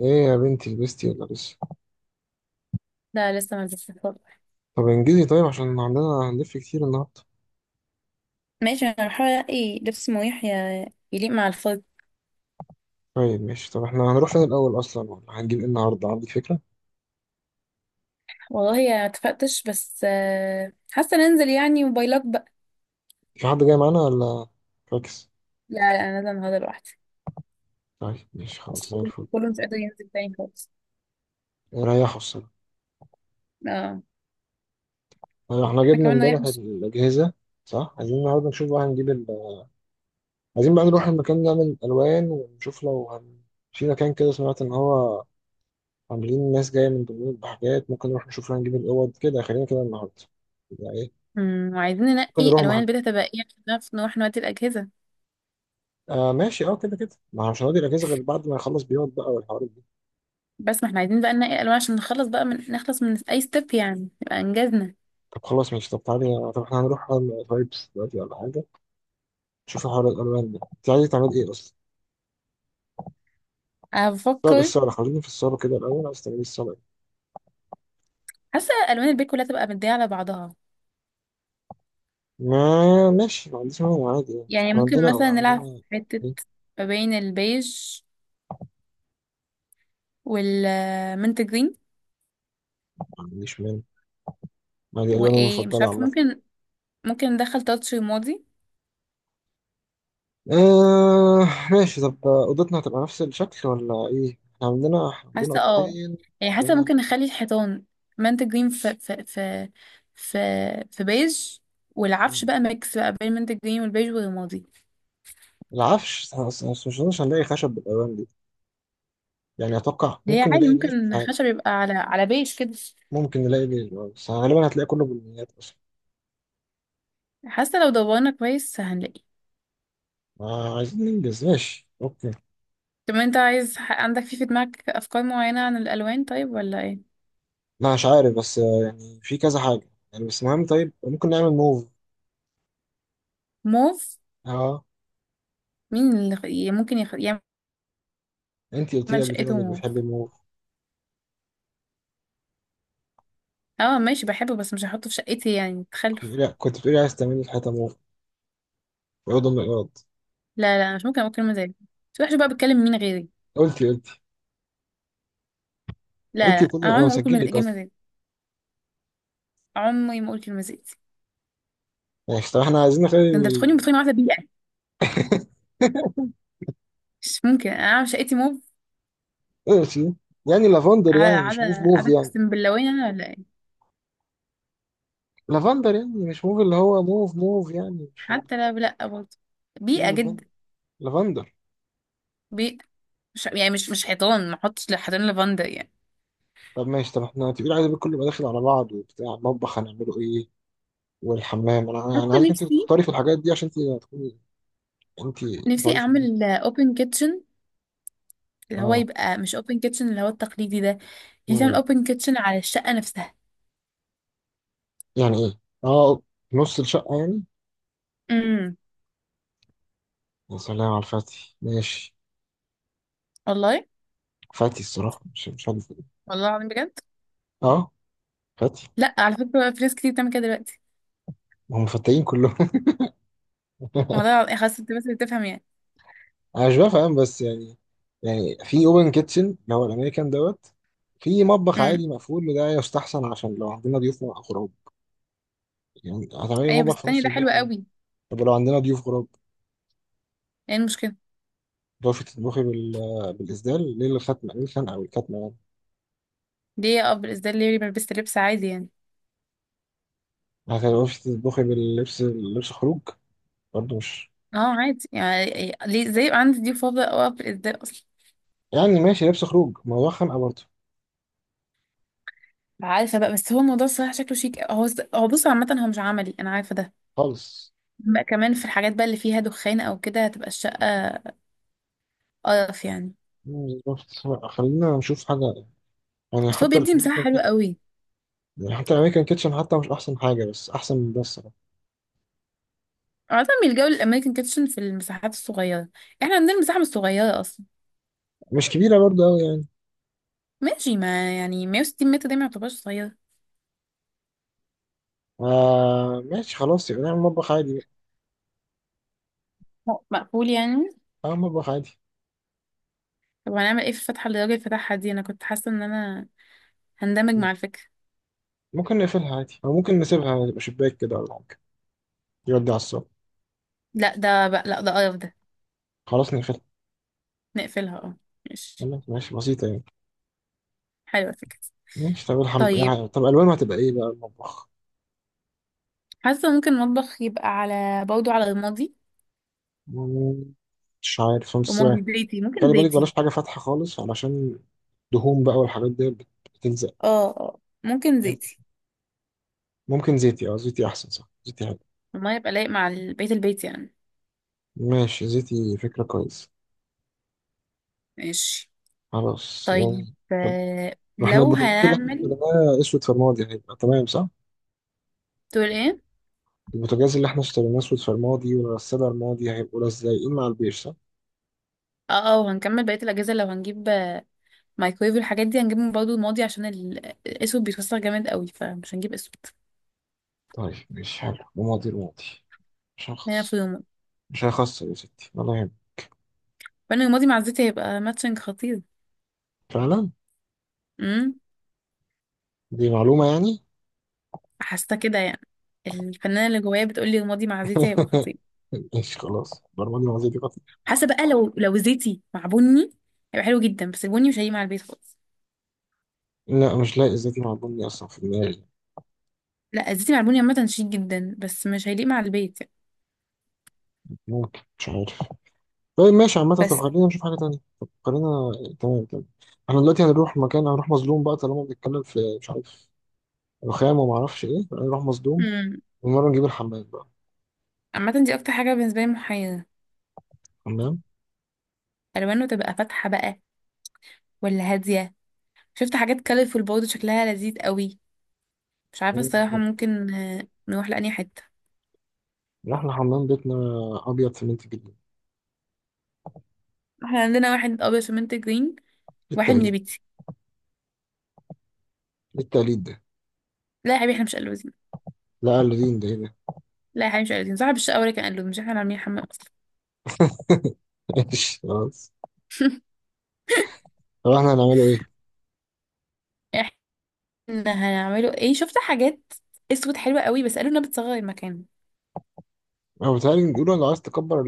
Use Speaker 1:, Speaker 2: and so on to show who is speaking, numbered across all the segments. Speaker 1: ايه يا بنتي، لبستي ولا لسه؟
Speaker 2: لا، لسه ما لبستش الفستق.
Speaker 1: طب انجزي، طيب عشان عندنا هنلف كتير النهارده.
Speaker 2: ماشي، انا بحاول الاقي لبس مريح يليق مع الفستق.
Speaker 1: طيب ماشي، طب احنا هنروح فين الاول اصلا ولا هنجيب ايه النهارده، عندك فكره؟
Speaker 2: والله يا اتفقتش بس حاسه ننزل يعني، وباي لك بقى.
Speaker 1: في حد جاي معانا ولا؟ فاكس.
Speaker 2: لا لا، انا نازله النهارده لوحدي.
Speaker 1: طيب ماشي
Speaker 2: بس
Speaker 1: خلاص، زي
Speaker 2: كله
Speaker 1: الفل.
Speaker 2: كله مش قادر ينزل تاني خالص.
Speaker 1: ريحوا الصراحه.
Speaker 2: اه.
Speaker 1: طيب احنا
Speaker 2: احنا
Speaker 1: جبنا
Speaker 2: كمان رايح
Speaker 1: امبارح
Speaker 2: مش.
Speaker 1: الاجهزه. صح، عايزين النهارده نشوف بقى هنجيب ال... عايزين بقى نروح المكان نعمل الوان ونشوف لو هن... في مكان كده سمعت ان هو عاملين ناس جايه من دمياط بحاجات، ممكن نروح نشوف لو هنجيب الاوض كده، خلينا كده النهارده. يعني ايه؟
Speaker 2: وعايزين
Speaker 1: ممكن
Speaker 2: ننقي
Speaker 1: نروح
Speaker 2: الوان
Speaker 1: مع
Speaker 2: البيت هتبقى ايه عشان نعرف نروح نودي الاجهزه.
Speaker 1: آه ماشي، اه كده كده، ما هو مش هنقضي الاجازه غير بعد ما يخلص بيقعد بقى والحوارات دي.
Speaker 2: بس ما احنا عايزين بقى ننقي الوان عشان نخلص بقى نخلص من اي ستيب يعني، يبقى انجزنا.
Speaker 1: طب خلاص ماشي، طب تعالي، طب احنا هنروح على فايبس دلوقتي ولا حاجه؟ نشوف حوار الالوان ده، انت عايز تعمل ايه اصلا؟
Speaker 2: انا
Speaker 1: الصاله
Speaker 2: بفكر.
Speaker 1: الصاله، خلينا في الصاله كده الاول، عايز تعمل ايه الصاله إيه؟
Speaker 2: حاسه الوان البيت كلها تبقى مديه على بعضها.
Speaker 1: ما ماشي، ما عنديش مانع عادي يعني،
Speaker 2: يعني
Speaker 1: إحنا
Speaker 2: ممكن
Speaker 1: عندنا
Speaker 2: مثلا نلعب
Speaker 1: عندنا
Speaker 2: في حته
Speaker 1: ايه.
Speaker 2: ما بين البيج والمنت جرين.
Speaker 1: ما عنديش مانع، ما دي الواني
Speaker 2: وايه، مش
Speaker 1: المفضله
Speaker 2: عارفه،
Speaker 1: عامه.
Speaker 2: ممكن ندخل تاتش رمادي.
Speaker 1: آه ماشي، طب اوضتنا هتبقى نفس الشكل ولا ايه؟ احنا عندنا
Speaker 2: حاسه، اه.
Speaker 1: اوضتين.
Speaker 2: يعني حاسه
Speaker 1: عندنا
Speaker 2: ممكن نخلي الحيطان منت جرين في في بيج، والعفش
Speaker 1: مم.
Speaker 2: بقى ميكس بقى بين المنت جرين والبيج والرمادي.
Speaker 1: العفش بس، مش هنلاقي خشب بالالوان دي. يعني اتوقع
Speaker 2: اللي هي
Speaker 1: ممكن
Speaker 2: عادي،
Speaker 1: نلاقي بير، مش
Speaker 2: ممكن
Speaker 1: عارف.
Speaker 2: خشب يبقى على بيج كده.
Speaker 1: ممكن نلاقي بير، بس غالبا هتلاقي كله بالنيات اصلا.
Speaker 2: حاسه لو دورنا كويس هنلاقي.
Speaker 1: ما عايزين ننجز، ماشي اوكي.
Speaker 2: طب انت عايز عندك في دماغك افكار معينه عن الالوان، طيب، ولا ايه؟
Speaker 1: لا مش عارف بس، يعني في كذا حاجه يعني، بس مهم. طيب ممكن نعمل موف.
Speaker 2: موف.
Speaker 1: اه.
Speaker 2: مين اللي ممكن يعمل
Speaker 1: انت قلت لي قبل كده
Speaker 2: شقته
Speaker 1: انك
Speaker 2: موف؟
Speaker 1: بتحبي الموف.
Speaker 2: اه، ماشي، بحبه بس مش هحطه في شقتي يعني،
Speaker 1: كنت
Speaker 2: تخلف.
Speaker 1: بتقولي كنت بتقولي عايز تعملي الحيطه موف، ويضم من الارض.
Speaker 2: لا لا، أنا مش ممكن اقول كلمه زي دي. مش وحشه بقى؟ بتكلم مين غيري؟
Speaker 1: قلتي قلتي.
Speaker 2: لا
Speaker 1: قلتي
Speaker 2: لا،
Speaker 1: كله،
Speaker 2: انا
Speaker 1: انا
Speaker 2: عمري ما اقول
Speaker 1: مسجل
Speaker 2: كلمه
Speaker 1: لك
Speaker 2: كلمه
Speaker 1: اصلا.
Speaker 2: زي دي. عمري ما اقول كلمه زي دي.
Speaker 1: يعني طب احنا عايزين نخلي
Speaker 2: ده انت بتخوني
Speaker 1: ال-
Speaker 2: بتخوني، واحده بيئه! مش ممكن انا عامل شقتي موف.
Speaker 1: ماشي يعني. لافندر
Speaker 2: على
Speaker 1: يعني، مش
Speaker 2: على
Speaker 1: موف موف
Speaker 2: على
Speaker 1: يعني.
Speaker 2: اقسم باللوين انا ولا ايه؟
Speaker 1: لافندر يعني مش موف اللي هو موف موف يعني، مش عارف.
Speaker 2: حتى، لا لا، برضه.
Speaker 1: ايه
Speaker 2: بيئه جدا.
Speaker 1: لافندر. لافندر.
Speaker 2: بيئه. مش يعني مش حيطان، ما احطش حيطان لافندر يعني.
Speaker 1: طب ماشي، طب احنا تقيل، عايز كله يبقى داخل على بعض وبتاع. المطبخ هنعمله ايه؟ والحمام؟ انا يعني انا
Speaker 2: حتى
Speaker 1: عايزك انت اللي
Speaker 2: نفسي،
Speaker 1: تختاري في الحاجات دي عشان انت تكوني انت
Speaker 2: نفسي
Speaker 1: بتقعدي في البيت.
Speaker 2: اعمل اوبن كيتشن. اللي هو
Speaker 1: اه.
Speaker 2: يبقى مش اوبن كيتشن اللي هو التقليدي ده. يعني تعمل
Speaker 1: مم.
Speaker 2: اوبن كيتشن على الشقه نفسها.
Speaker 1: يعني ايه؟ اه. نص الشقه يعني.
Speaker 2: امم.
Speaker 1: يا سلام على الفتي، ماشي.
Speaker 2: والله.
Speaker 1: فتي الصراحه، مش عارف إيه.
Speaker 2: والله العظيم بجد.
Speaker 1: اه. فتي.
Speaker 2: لا، على فكرة، في ناس كتير بتعمل كده دلوقتي.
Speaker 1: ما هم فتاين كلهم.
Speaker 2: والله العظيم، حاسة انت بس بتفهم يعني.
Speaker 1: انا مش بفهم، بس يعني، يعني في اوبن كيتشن اللي هو الامريكان دوت، في مطبخ
Speaker 2: امم.
Speaker 1: عادي مقفول، وده يستحسن عشان لو عندنا ضيوف او غراب. يعني هتعملي
Speaker 2: ايوه، بس
Speaker 1: مطبخ في
Speaker 2: التانية
Speaker 1: نص
Speaker 2: ده حلو
Speaker 1: البيت.
Speaker 2: قوي.
Speaker 1: طب لو عندنا ضيوف غراب،
Speaker 2: ايه المشكلة؟
Speaker 1: تعرفي تطبخي بال... بالإسدال؟ ليه الختمة؟ ليه الخنقة والكتمة يعني؟
Speaker 2: ليه اقف بالإزاي؟ ليه ما لبست لبس عادي يعني؟
Speaker 1: ما هتعرفي تطبخي باللبس، لبس خروج، برضه مش
Speaker 2: اه، عادي يعني. ليه، ازاي يبقى عندي دي فاضة او اقف بالإزاي اصلا؟
Speaker 1: يعني ماشي. لبس خروج، ما هو خنقة برضه.
Speaker 2: عارفة بقى، بس هو الموضوع الصراحة شكله شيك، هو. هو بص، عامة هو مش عملي، انا عارفة ده.
Speaker 1: خالص.
Speaker 2: بقى كمان في الحاجات بقى اللي فيها دخان او كده، هتبقى الشقة قرف يعني.
Speaker 1: مم، بالظبط. لأ، خلينا نشوف حاجة. يعني
Speaker 2: بس هو
Speaker 1: حتى
Speaker 2: بيدي مساحة
Speaker 1: الأمريكان
Speaker 2: حلوة
Speaker 1: كيتشن،
Speaker 2: قوي.
Speaker 1: يعني حتى الأمريكان كيتشن حتى مش أحسن حاجة، بس أحسن من ده الصراحة.
Speaker 2: عادة بيلجأوا للأمريكان كيتشن في المساحات الصغيرة. احنا عندنا المساحة مش صغيرة.
Speaker 1: مش كبيرة برضه أوي يعني.
Speaker 2: ماشي، ما يعني 160 متر ده ما يعتبرش صغير.
Speaker 1: آه ماشي خلاص، يبقى نعمل مطبخ عادي بقى.
Speaker 2: هو مقفول يعني؟
Speaker 1: أه، مطبخ عادي.
Speaker 2: طب هنعمل ايه في الفتحة اللي الراجل فتحها دي؟ انا كنت حاسة ان انا هندمج
Speaker 1: م-
Speaker 2: مع الفكرة.
Speaker 1: ممكن نقفلها عادي، أو ممكن نسيبها تبقى شباك كده ولا حاجة، يودي على الصبح.
Speaker 2: لا، ده بقى، لا، ده قرف ده.
Speaker 1: خلاص نقفلها.
Speaker 2: نقفلها، اه. ماشي.
Speaker 1: يلا، ماشي، بسيطة يعني.
Speaker 2: حلوة الفكرة.
Speaker 1: ماشي. طب الحمد
Speaker 2: طيب.
Speaker 1: يعني. طب ألوانه هتبقى إيه بقى المطبخ؟
Speaker 2: حاسة ممكن المطبخ يبقى على، برضه، على رمادي.
Speaker 1: مم، مش عارف بس،
Speaker 2: رمادي زيتي، ممكن
Speaker 1: خلي بالك
Speaker 2: زيتي.
Speaker 1: بلاش حاجة فاتحة خالص علشان دهون بقى والحاجات دي بت- بتلزق.
Speaker 2: اه اه، ممكن زيتي.
Speaker 1: ممكن زيتي، اه زيتي أحسن، صح، زيتي حلو.
Speaker 2: المية يبقى لايق مع البيت، البيت يعني.
Speaker 1: ماشي، زيتي فكرة كويسة.
Speaker 2: ماشي،
Speaker 1: خلاص
Speaker 2: طيب،
Speaker 1: يعني. طب ما احنا
Speaker 2: لو
Speaker 1: البوتاجاز اللي احنا
Speaker 2: هنعمل.
Speaker 1: اشتريناه اسود فرمادي، هيبقى تمام صح؟
Speaker 2: تقول ايه؟
Speaker 1: البوتاجاز اللي احنا اشتريناه اسود فرمادي، والغسالة الماضي، هيبقوا لازقين مع البيش صح؟
Speaker 2: اه اه، وهنكمل بقية الأجهزة. لو هنجيب مايكرويف والحاجات دي، هنجيب من برضه رمادي، عشان الاسود بيتوسخ جامد قوي، فمش هنجيب اسود.
Speaker 1: طيب ماشي حلو، رمادي رمادي، مش
Speaker 2: هنا في
Speaker 1: هخص.
Speaker 2: رمادي.
Speaker 1: مش هيخسر يا ستي، ولا يهمك.
Speaker 2: فانا رمادي مع الزيت هيبقى ماتشنج خطير.
Speaker 1: فعلا.
Speaker 2: امم.
Speaker 1: دي معلومة يعني.
Speaker 2: حاسه كده يعني. الفنانه اللي جوايا بتقول لي رمادي مع زيتي هيبقى خطير.
Speaker 1: ماشي خلاص، برمجة لغزية دي قطع.
Speaker 2: حاسه بقى لو زيتي مع بني هيبقى حلو جدا، بس البني مش هيليق مع البيت خالص.
Speaker 1: لا مش لاقي ازاي دي معلومة أصلا في دماغي.
Speaker 2: لا، الزيتي مع البني عامه شيك جدا، بس مش هيليق مع البيت يعني.
Speaker 1: ممكن، مش عارف. طيب ماشي عامة، طب
Speaker 2: بس.
Speaker 1: خلينا نشوف حاجة تانية. طب خلينا. تمام تمام. احنا دلوقتي هنروح مكان، هنروح مظلوم بقى طالما بنتكلم في، مش عارف، رخام وما اعرفش ايه. هنروح مظلوم.
Speaker 2: امم.
Speaker 1: المرة نجيب الحمام بقى.
Speaker 2: عامه دي اكتر حاجه بالنسبه لي محيره.
Speaker 1: حمام.
Speaker 2: الوانه تبقى فاتحه بقى، ولا هاديه؟ شفت حاجات كالرفول برضه شكلها لذيذ قوي. مش عارفة الصراحة، ممكن نروح لأني حتة.
Speaker 1: رحنا حمام بيتنا، أبيض سمنت جدا.
Speaker 2: احنا عندنا واحد أبيض فمنت جرين.
Speaker 1: إيه
Speaker 2: واحد
Speaker 1: التقليد؟
Speaker 2: نبيتي.
Speaker 1: إيه التقليد ده؟
Speaker 2: لا يا حبيبي، احنا مش قلوزين.
Speaker 1: لا قلدين، ده ايه ده؟
Speaker 2: لا يا حبيبي، مش قلوزين، صاحب الشقة هو اللي كان قلوز، مش احنا اللي عاملين حمام أصلا.
Speaker 1: ماشي خلاص. طب احنا هنعمله ايه؟
Speaker 2: احنا هنعمله ايه؟ شفت حاجات اسود حلوة قوي، بس قالوا انها بتصغر المكان.
Speaker 1: هو بيتهيألي نقوله لو عايز تكبر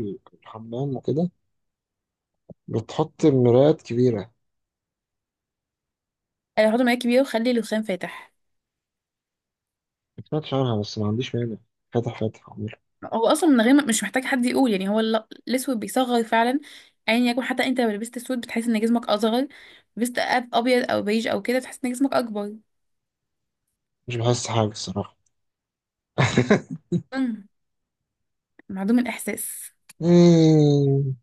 Speaker 1: الحمام وكده، بتحط مرايات كبيرة.
Speaker 2: قالوا حطوا مراية كبيرة وخلي الرخام فاتح.
Speaker 1: ما سمعتش عنها، بس ما عنديش مانع. فاتح فاتح عمري.
Speaker 2: هو أصلا من غير مش محتاج حد يقول، يعني هو الأسود بيصغر فعلا. أيا يعني يكن، حتى أنت لو لبست أسود بتحس إن جسمك أصغر. لبست أبيض أو بيج أو كده، بتحس إن جسمك أكبر.
Speaker 1: مش بحس حاجة الصراحة.
Speaker 2: مم. معدوم الإحساس.
Speaker 1: مم.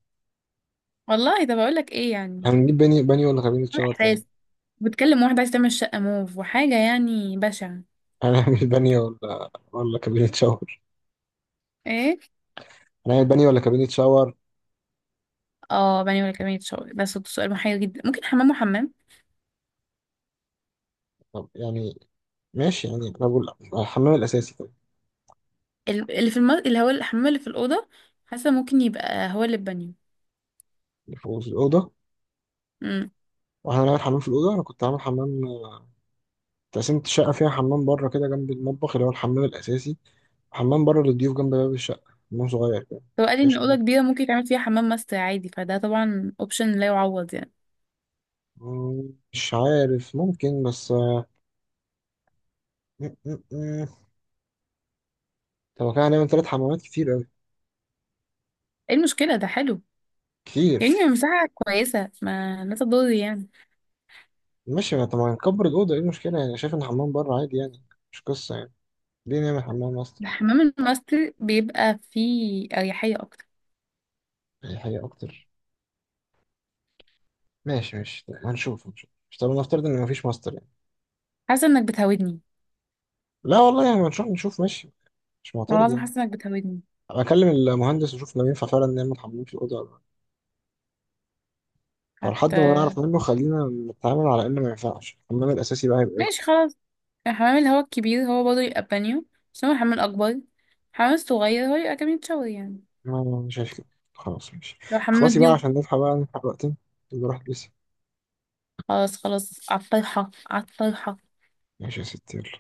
Speaker 2: والله ده بقولك ايه يعني.
Speaker 1: هنجيب باني باني ولا كابينة
Speaker 2: عامل
Speaker 1: شاور طيب؟
Speaker 2: احساس. بتكلم واحدة عايزة تعمل شقة موف وحاجة يعني بشعة.
Speaker 1: هنعمل باني ولا كابينة شاور؟
Speaker 2: ايه؟
Speaker 1: هنعمل باني ولا كابينة شاور؟
Speaker 2: اه، بني ولا كمية شغل، ده صوت سؤال محير جدا، ممكن حمام وحمام.
Speaker 1: طب يعني، ماشي يعني، أنا بقول الحمام الأساسي طيب،
Speaker 2: اللي هو الحمام اللي في الأوضة. حاسة ممكن يبقى هو اللي البانيو.
Speaker 1: اللي فوق في الأوضة.
Speaker 2: امم.
Speaker 1: وإحنا هنعمل حمام في الأوضة. أنا كنت عامل حمام، تقسيمة الشقة فيها حمام بره كده جنب المطبخ اللي هو الحمام الأساسي، وحمام بره للضيوف جنب باب الشقة، حمام صغير كده.
Speaker 2: هو قال لي ان
Speaker 1: مفيهاش.
Speaker 2: الأوضة كبيرة، ممكن يتعمل فيها حمام ماستر عادي، فده طبعا اوبشن لا يعوض يعني.
Speaker 1: مم، مش عارف، ممكن بس، م- م- م. طب هو كان هنعمل تلات حمامات، كتير أوي.
Speaker 2: ايه المشكلة؟ ده حلو، يعني
Speaker 1: كتير.
Speaker 2: مساحة كويسة، ما لا تضر يعني.
Speaker 1: ماشي. ما طب ما نكبر الأوضة، إيه المشكلة يعني؟ شايف إن حمام بره عادي يعني، مش قصة يعني. ليه نعمل حمام ماستر؟
Speaker 2: الحمام الماستر بيبقى فيه أريحية أكتر.
Speaker 1: يعني حاجة أكتر. ماشي ماشي، طيب هنشوف هنشوف، مش طب نفترض إن مفيش ماستر يعني؟
Speaker 2: حاسة انك بتهودني.
Speaker 1: لا والله يعني، هنشوف نشوف، ماشي. مش
Speaker 2: والله
Speaker 1: معترض
Speaker 2: العظيم
Speaker 1: يعني.
Speaker 2: حاسة انك بتهودني.
Speaker 1: بكلم المهندس وأشوف لو ينفع فعلا نعمل حمام في الأوضة ولا لأ. فلحد ما نعرف منه، خلينا نتعامل على إنه ما ينفعش. الحمام الأساسي بقى هيبقى إيه؟
Speaker 2: ماشي، خلاص. الحمام اللي هو الكبير، هو برضه يبقى بانيو، بس هو الحمام الأكبر. الحمام الصغير هو يبقى كمية شوي يعني.
Speaker 1: أنا شايف كده. خلاص ماشي.
Speaker 2: لو حمام
Speaker 1: خلاصي بقى
Speaker 2: ضيوف.
Speaker 1: عشان نلحق بقى، نلحق وقتنا. يبقى روح البسي.
Speaker 2: خلاص خلاص، عالطرحة عالطرحة.
Speaker 1: ماشي يا ستي، يلا.